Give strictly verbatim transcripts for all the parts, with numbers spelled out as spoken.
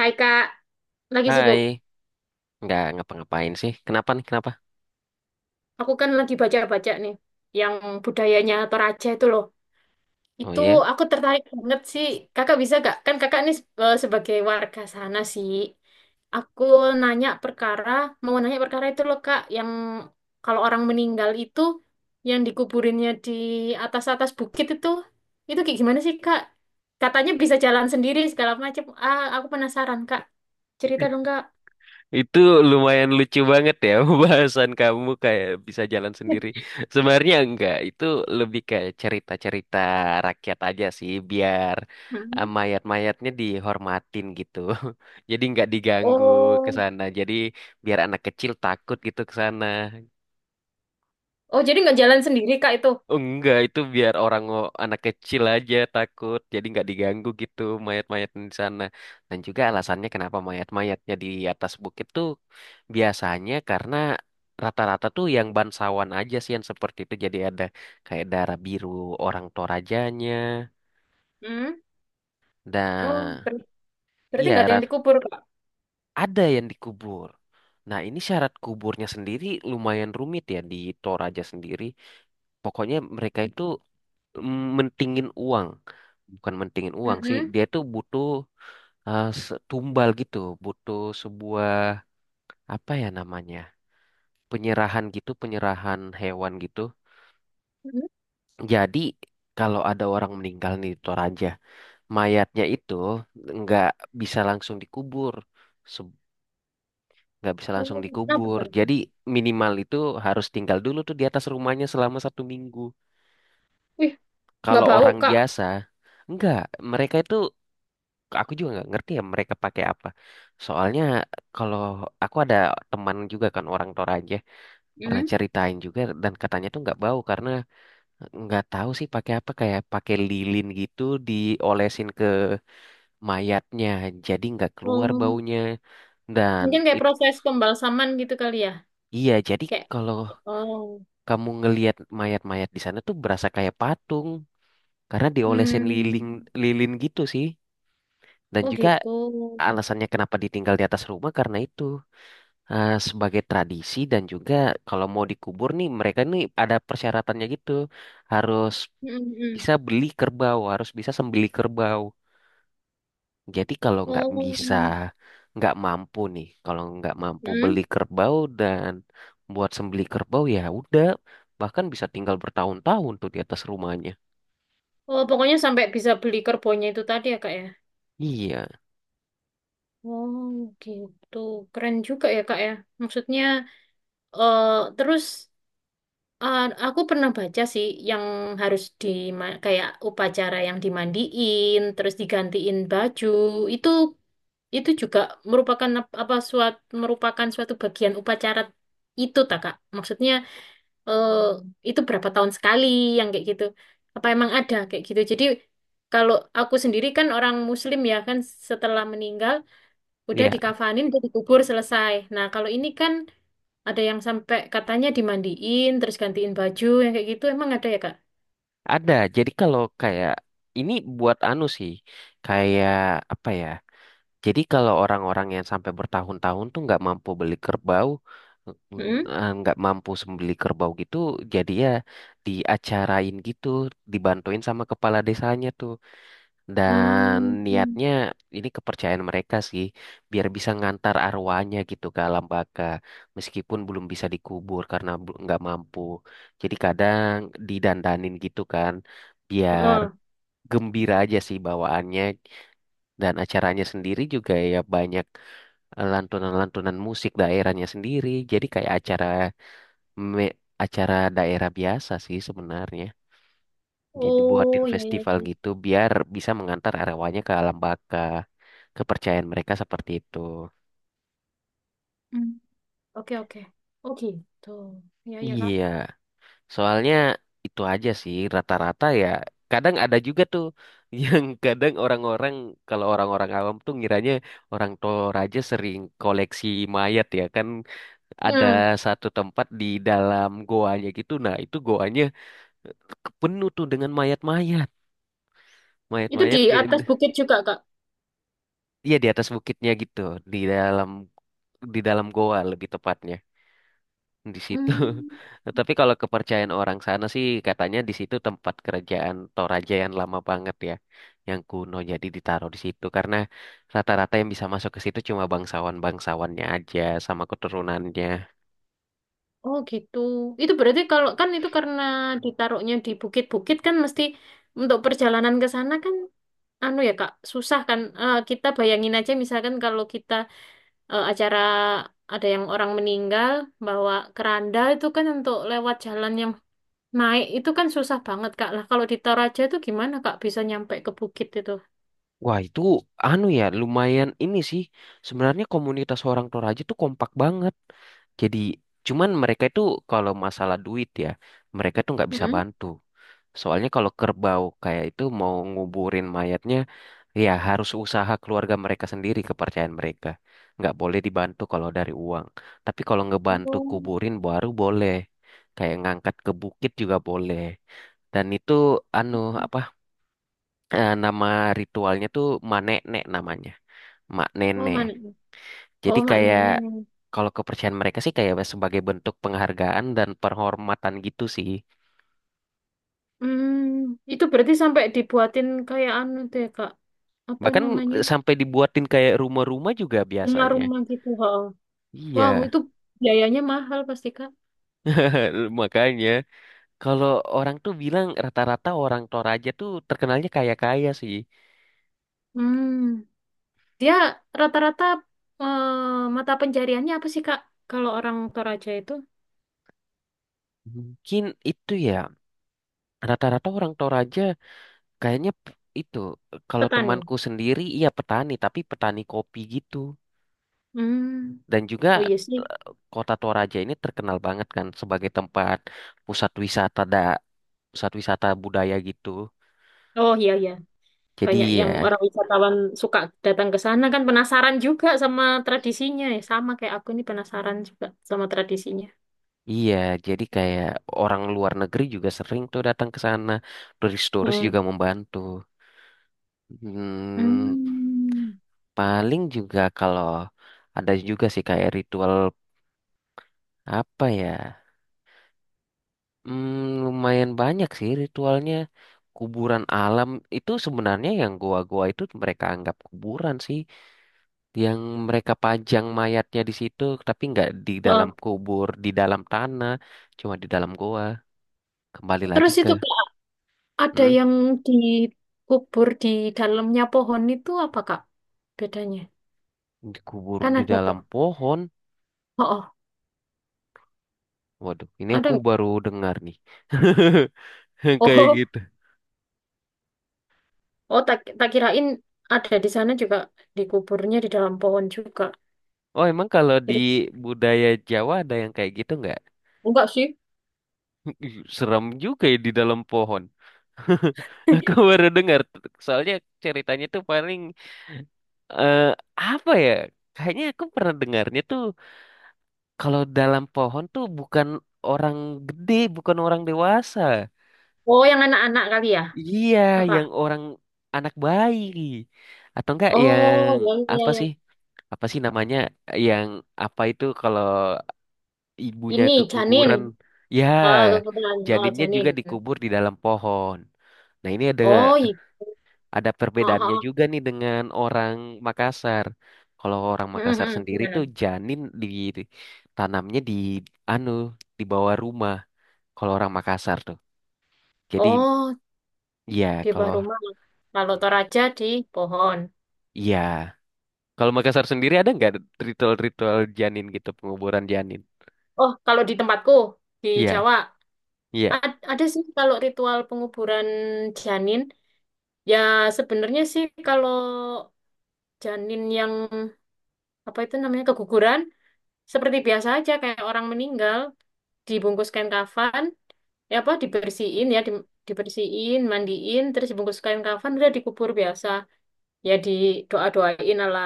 Hai Kak, lagi sibuk. Hai, nggak ngapa-ngapain sih. Kenapa nih? Kenapa? Aku kan lagi baca-baca nih, yang budayanya Toraja itu loh. Oh Itu iya, aku tertarik banget sih. Kakak bisa gak? Kan kakak nih eh, sebagai warga sana sih. Aku nanya perkara, mau nanya perkara itu loh Kak, yang kalau orang meninggal itu, yang dikuburinnya di atas-atas bukit itu, itu kayak gimana sih Kak? Katanya bisa jalan sendiri segala macam. Ah, aku penasaran Kak. Cerita dong Kak. itu lumayan lucu banget ya bahasan kamu kayak bisa jalan sendiri. Sebenarnya enggak, itu lebih kayak cerita-cerita rakyat aja sih, biar eh, Hmm. mayat-mayatnya dihormatin gitu. Jadi nggak diganggu ke Oh. sana. Jadi biar anak kecil takut gitu ke sana. Oh, jadi nggak jalan sendiri, Kak, itu? Oh, enggak, itu biar orang ngo- anak kecil aja takut, jadi nggak diganggu gitu mayat-mayat di sana. Dan juga alasannya kenapa mayat-mayatnya di atas bukit tuh biasanya karena rata-rata tuh yang bansawan aja sih yang seperti itu. Jadi ada kayak darah biru orang Torajanya. Hmm. Oh, Dan ber- berarti nggak iya, ada yang ra- dikubur, Kak? ada yang dikubur. Nah, ini syarat kuburnya sendiri lumayan rumit ya di Toraja sendiri. Pokoknya mereka itu mm, mentingin uang. Bukan mentingin uang sih, Mm-mm. dia tuh butuh eh, se- tumbal gitu, butuh sebuah apa ya namanya? Penyerahan gitu, penyerahan hewan gitu. Mm-mm. Jadi kalau ada orang meninggal nih di Toraja, mayatnya itu nggak bisa langsung dikubur, Se- nggak bisa langsung Oh, nah, dikubur. benar. Jadi minimal itu harus tinggal dulu tuh di atas rumahnya selama satu minggu. Wih, nggak Kalau bau, orang Kak. biasa, enggak, mereka itu aku juga nggak ngerti ya mereka pakai apa. Soalnya kalau aku ada teman juga kan orang Toraja pernah Mm. ceritain juga dan katanya tuh nggak bau karena nggak tahu sih pakai apa kayak pakai lilin gitu diolesin ke mayatnya jadi nggak keluar Oh, baunya dan mungkin kayak itu proses pembalsaman gitu kali ya? iya jadi Kayak, kalau oh. kamu ngelihat mayat-mayat di sana tuh berasa kayak patung karena diolesin lilin Hmm. lilin gitu sih dan Oh, juga gitu. alasannya kenapa ditinggal di atas rumah karena itu eh, sebagai tradisi dan juga kalau mau dikubur nih mereka nih ada persyaratannya gitu harus Mm-mm. bisa beli kerbau harus bisa sembelih kerbau jadi kalau nggak Oh. bisa nggak mampu nih kalau nggak mampu beli Mm. kerbau dan buat sembelih kerbau ya udah bahkan bisa tinggal bertahun-tahun tuh di atas rumahnya Oh, pokoknya sampai bisa beli kerbaunya itu tadi ya, Kak, ya? iya Oh, gitu. Keren juga ya, Kak, ya? Maksudnya, eh terus. Ah, aku pernah baca sih yang harus di ma- kayak upacara yang dimandiin, terus digantiin baju. Itu itu juga merupakan ap- apa suat merupakan suatu bagian upacara itu tak Kak? Maksudnya eh, itu berapa tahun sekali yang kayak gitu? Apa emang ada kayak gitu? Jadi kalau aku sendiri kan orang Muslim ya kan setelah meninggal udah ya dikafanin udah dikubur selesai. Nah, kalau ini kan ada yang sampai katanya dimandiin, terus gantiin baju, yang kayak gitu. Emang ada ya, Kak? ada jadi kalau kayak ini buat anu sih kayak apa ya. Jadi kalau orang-orang yang sampai bertahun-tahun tuh nggak mampu beli kerbau, Hmm? eh, nggak mampu sembeli kerbau gitu, jadi ya diacarain gitu, dibantuin sama kepala desanya tuh. Dan Hmm. niatnya ini kepercayaan mereka sih, biar bisa ngantar arwahnya gitu ke alam baka, meskipun belum bisa dikubur karena bel- nggak mampu. Jadi kadang didandanin gitu kan, biar Heeh. gembira aja sih bawaannya dan acaranya sendiri juga ya banyak lantunan-lantunan musik daerahnya sendiri. Jadi kayak acara me- acara daerah biasa sih sebenarnya. Jadi buatin Oh, iya, iya. festival Iya. gitu biar bisa mengantar arwahnya ke alam baka. Kepercayaan mereka seperti itu. Hmm. Oke, oke. Oh, gitu. Iya, iya, Kak. Iya, soalnya itu aja sih rata-rata ya. Kadang ada juga tuh yang kadang orang-orang kalau orang-orang awam tuh ngiranya orang Toraja sering koleksi mayat ya kan ada Hmm. satu tempat di dalam goanya gitu. Nah, itu goanya eh, penuh tuh dengan mayat-mayat, Itu di mayat-mayat di- atas bukit juga, Kak. iya di atas bukitnya gitu, di dalam di dalam goa lebih tepatnya di situ. Hmm. Tapi kalau kepercayaan orang sana sih katanya di situ tempat kerajaan Toraja yang lama banget ya, yang kuno jadi ditaruh di situ karena rata-rata yang bisa masuk ke situ cuma bangsawan-bangsawannya aja sama keturunannya. Oh, gitu. Itu berarti kalau kan itu karena ditaruhnya di bukit-bukit kan mesti untuk perjalanan ke sana kan anu ya, Kak, susah kan. Eh, kita bayangin aja misalkan kalau kita eh, acara ada yang orang meninggal bawa keranda itu kan untuk lewat jalan yang naik itu kan susah banget Kak. Lah kalau di Toraja itu gimana Kak bisa nyampe ke bukit itu? Wah itu anu ya lumayan ini sih sebenarnya komunitas orang Toraja tuh kompak banget. Jadi cuman mereka itu kalau masalah duit ya mereka tuh nggak bisa Mm-mm. bantu. Soalnya kalau kerbau kayak itu mau nguburin mayatnya ya harus usaha keluarga mereka sendiri kepercayaan mereka. Nggak boleh dibantu kalau dari uang. Tapi kalau ngebantu Oh, kuburin baru boleh. Kayak ngangkat ke bukit juga boleh. Dan itu anu apa eh, nama ritualnya tuh Manenek namanya. Mak oh Nenek. mana? Jadi Oh, Mak kayak Nenek. kalau kepercayaan mereka sih kayak sebagai bentuk penghargaan dan penghormatan gitu sih. Hmm, itu berarti sampai dibuatin kayak anu tuh ya Kak. Apa Bahkan namanya? eh, sampai dibuatin kayak rumah-rumah juga biasanya. Rumah-rumah gitu. Ha. Iya, Wow, itu biayanya mahal pasti Kak. makanya kalau orang tuh bilang rata-rata orang Toraja tuh terkenalnya kaya-kaya sih. Hmm, dia rata-rata eh, mata pencariannya apa sih Kak? Kalau orang Toraja itu? Mungkin itu ya, rata-rata orang Toraja kayaknya p- itu kalau Petani. temanku sendiri iya petani tapi petani kopi gitu. Hmm. Dan juga Oh, iya sih. eh, Kota Toraja ini terkenal banget kan sebagai tempat pusat wisata da pusat wisata budaya gitu. Oh, iya iya. Jadi Banyak ya yang orang wisatawan suka datang ke sana kan penasaran juga sama tradisinya ya. Sama kayak aku ini penasaran juga sama tradisinya. iya jadi kayak orang luar negeri juga sering tuh datang ke sana. Turis-turis Hmm. juga membantu. Hmm, Hmm. paling juga kalau ada juga sih kayak ritual apa ya? Hmm, lumayan banyak sih ritualnya. Kuburan alam itu sebenarnya yang goa-goa itu mereka anggap kuburan sih, yang mereka pajang mayatnya di situ, tapi nggak di dalam Oh. kubur, di dalam tanah, cuma di dalam goa. Kembali lagi Terus ke itu Kak, ada hmm, yang dikubur di dalamnya pohon itu apa Kak? Bedanya? dikubur Kan di ada dalam tuh. pohon. Oh, oh. Waduh, ini Ada aku nggak? baru dengar nih. Oh, Kayak oh gitu. oh, tak, tak kirain ada di sana juga dikuburnya di dalam pohon juga. Oh, emang kalau di Jadi budaya Jawa ada yang kayak gitu nggak? enggak sih. Serem juga ya di dalam pohon. Aku baru dengar. Soalnya ceritanya tuh paling eh, apa ya? Kayaknya aku pernah dengarnya tuh kalau dalam pohon tuh bukan orang gede, bukan orang dewasa. Oh, yang anak-anak kali ya? Iya, Apa? yang orang anak bayi. Atau enggak yang Oh, ya, ya, apa ya. sih? Ya. Apa sih namanya? Yang apa itu kalau ibunya Ini janin. keguguran? Ya, Ah, kebetulan. Oh, janinnya janin. juga dikubur di dalam pohon. Nah, ini ada Oh, iya. ada Oh, perbedaannya oh, oh. juga nih dengan orang Makassar. Kalau orang Hmm, Makassar hmm, sendiri tuh gimana? janin ditanamnya di anu di bawah rumah. Kalau orang Makassar tuh. Jadi Oh, ya di kalau bawah rumah. Kalau Toraja di pohon. ya kalau Makassar sendiri ada nggak ritual-ritual janin gitu penguburan janin? Oh, kalau di tempatku di Iya Jawa iya ad- ada sih kalau ritual penguburan janin. Ya sebenarnya sih kalau janin yang apa itu namanya keguguran seperti biasa aja kayak orang meninggal dibungkus kain kafan, ya apa dibersihin ya di- dibersihin mandiin terus dibungkus kain kafan udah dikubur biasa, ya didoa doain ala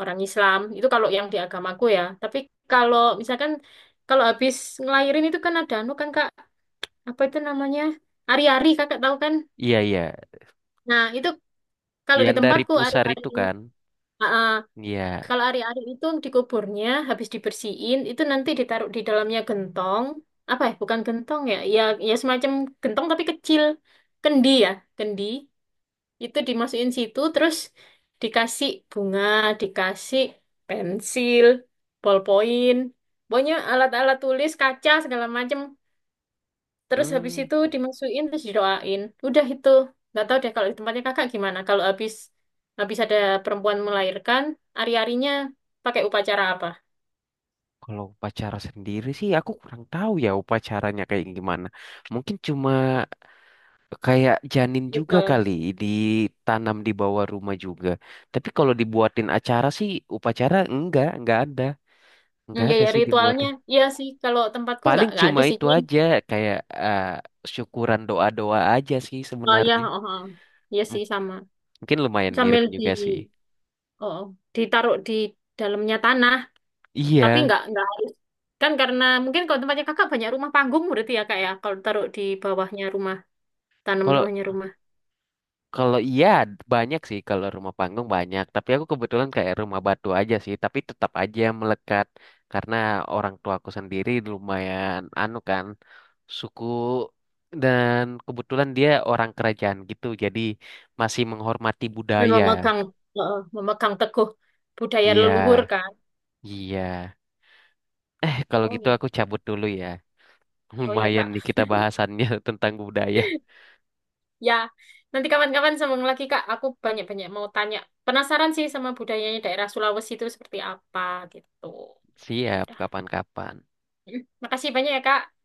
orang Islam itu kalau yang di agamaku ya. Tapi kalau misalkan kalau habis ngelahirin itu kan ada anu kan kak, apa itu namanya, ari-ari, kakak tahu kan? iya iya Nah itu, kalau di yang dari tempatku pusar ari-ari, itu kan? Iya. kalau ari-ari itu dikuburnya habis dibersihin itu nanti ditaruh di dalamnya gentong, apa ya, bukan gentong ya, ya ya semacam gentong tapi kecil, kendi, ya kendi, itu dimasukin situ terus dikasih bunga, dikasih pensil, ballpoint, pokoknya alat-alat tulis kaca segala macam. Terus habis Hmm, itu dimasukin terus didoain. Udah itu. Nggak tahu deh kalau di tempatnya kakak gimana. Kalau habis habis ada perempuan melahirkan, ari-arinya pakai upacara apa? kalau upacara sendiri sih aku kurang tahu ya upacaranya kayak gimana. Mungkin cuma kayak janin juga Ritual. kali ditanam di bawah rumah juga. Tapi kalau dibuatin acara sih upacara enggak, enggak ada. Hmm, Enggak ya, ada ya sih dibuat ritualnya. Iya sih kalau tempatku nggak paling nggak cuma ada sih. itu Cuman, aja kayak eh, syukuran doa-doa aja sih oh ya, sebenarnya. oh, oh. Iya M- sih sama. Mungkin lumayan mirip Sambil di juga sih. oh, oh. Ditaruh di dalamnya tanah, tapi Iya, nggak nggak harus kan karena mungkin kalau tempatnya kakak banyak rumah panggung berarti ya kak ya, kalau taruh di bawahnya rumah, tanam di kalau bawahnya rumah. kalau iya banyak sih kalau rumah panggung banyak, tapi aku kebetulan kayak rumah batu aja sih, tapi tetap aja melekat karena orang tuaku sendiri lumayan anu kan suku dan kebetulan dia orang kerajaan gitu, jadi masih menghormati Dan budaya. memegang eh, memegang teguh budaya Iya, leluhur kan. iya. Eh, kalau Oh gitu aku gitu. cabut dulu ya. Oh ya Lumayan Kak. nih kita bahasannya tentang budaya. Ya, nanti kawan-kawan sambung lagi Kak. Aku banyak-banyak mau tanya. Penasaran sih sama budayanya daerah Sulawesi itu seperti apa gitu. Ya Siap, udah. kapan-kapan. Hmm, makasih banyak ya Kak.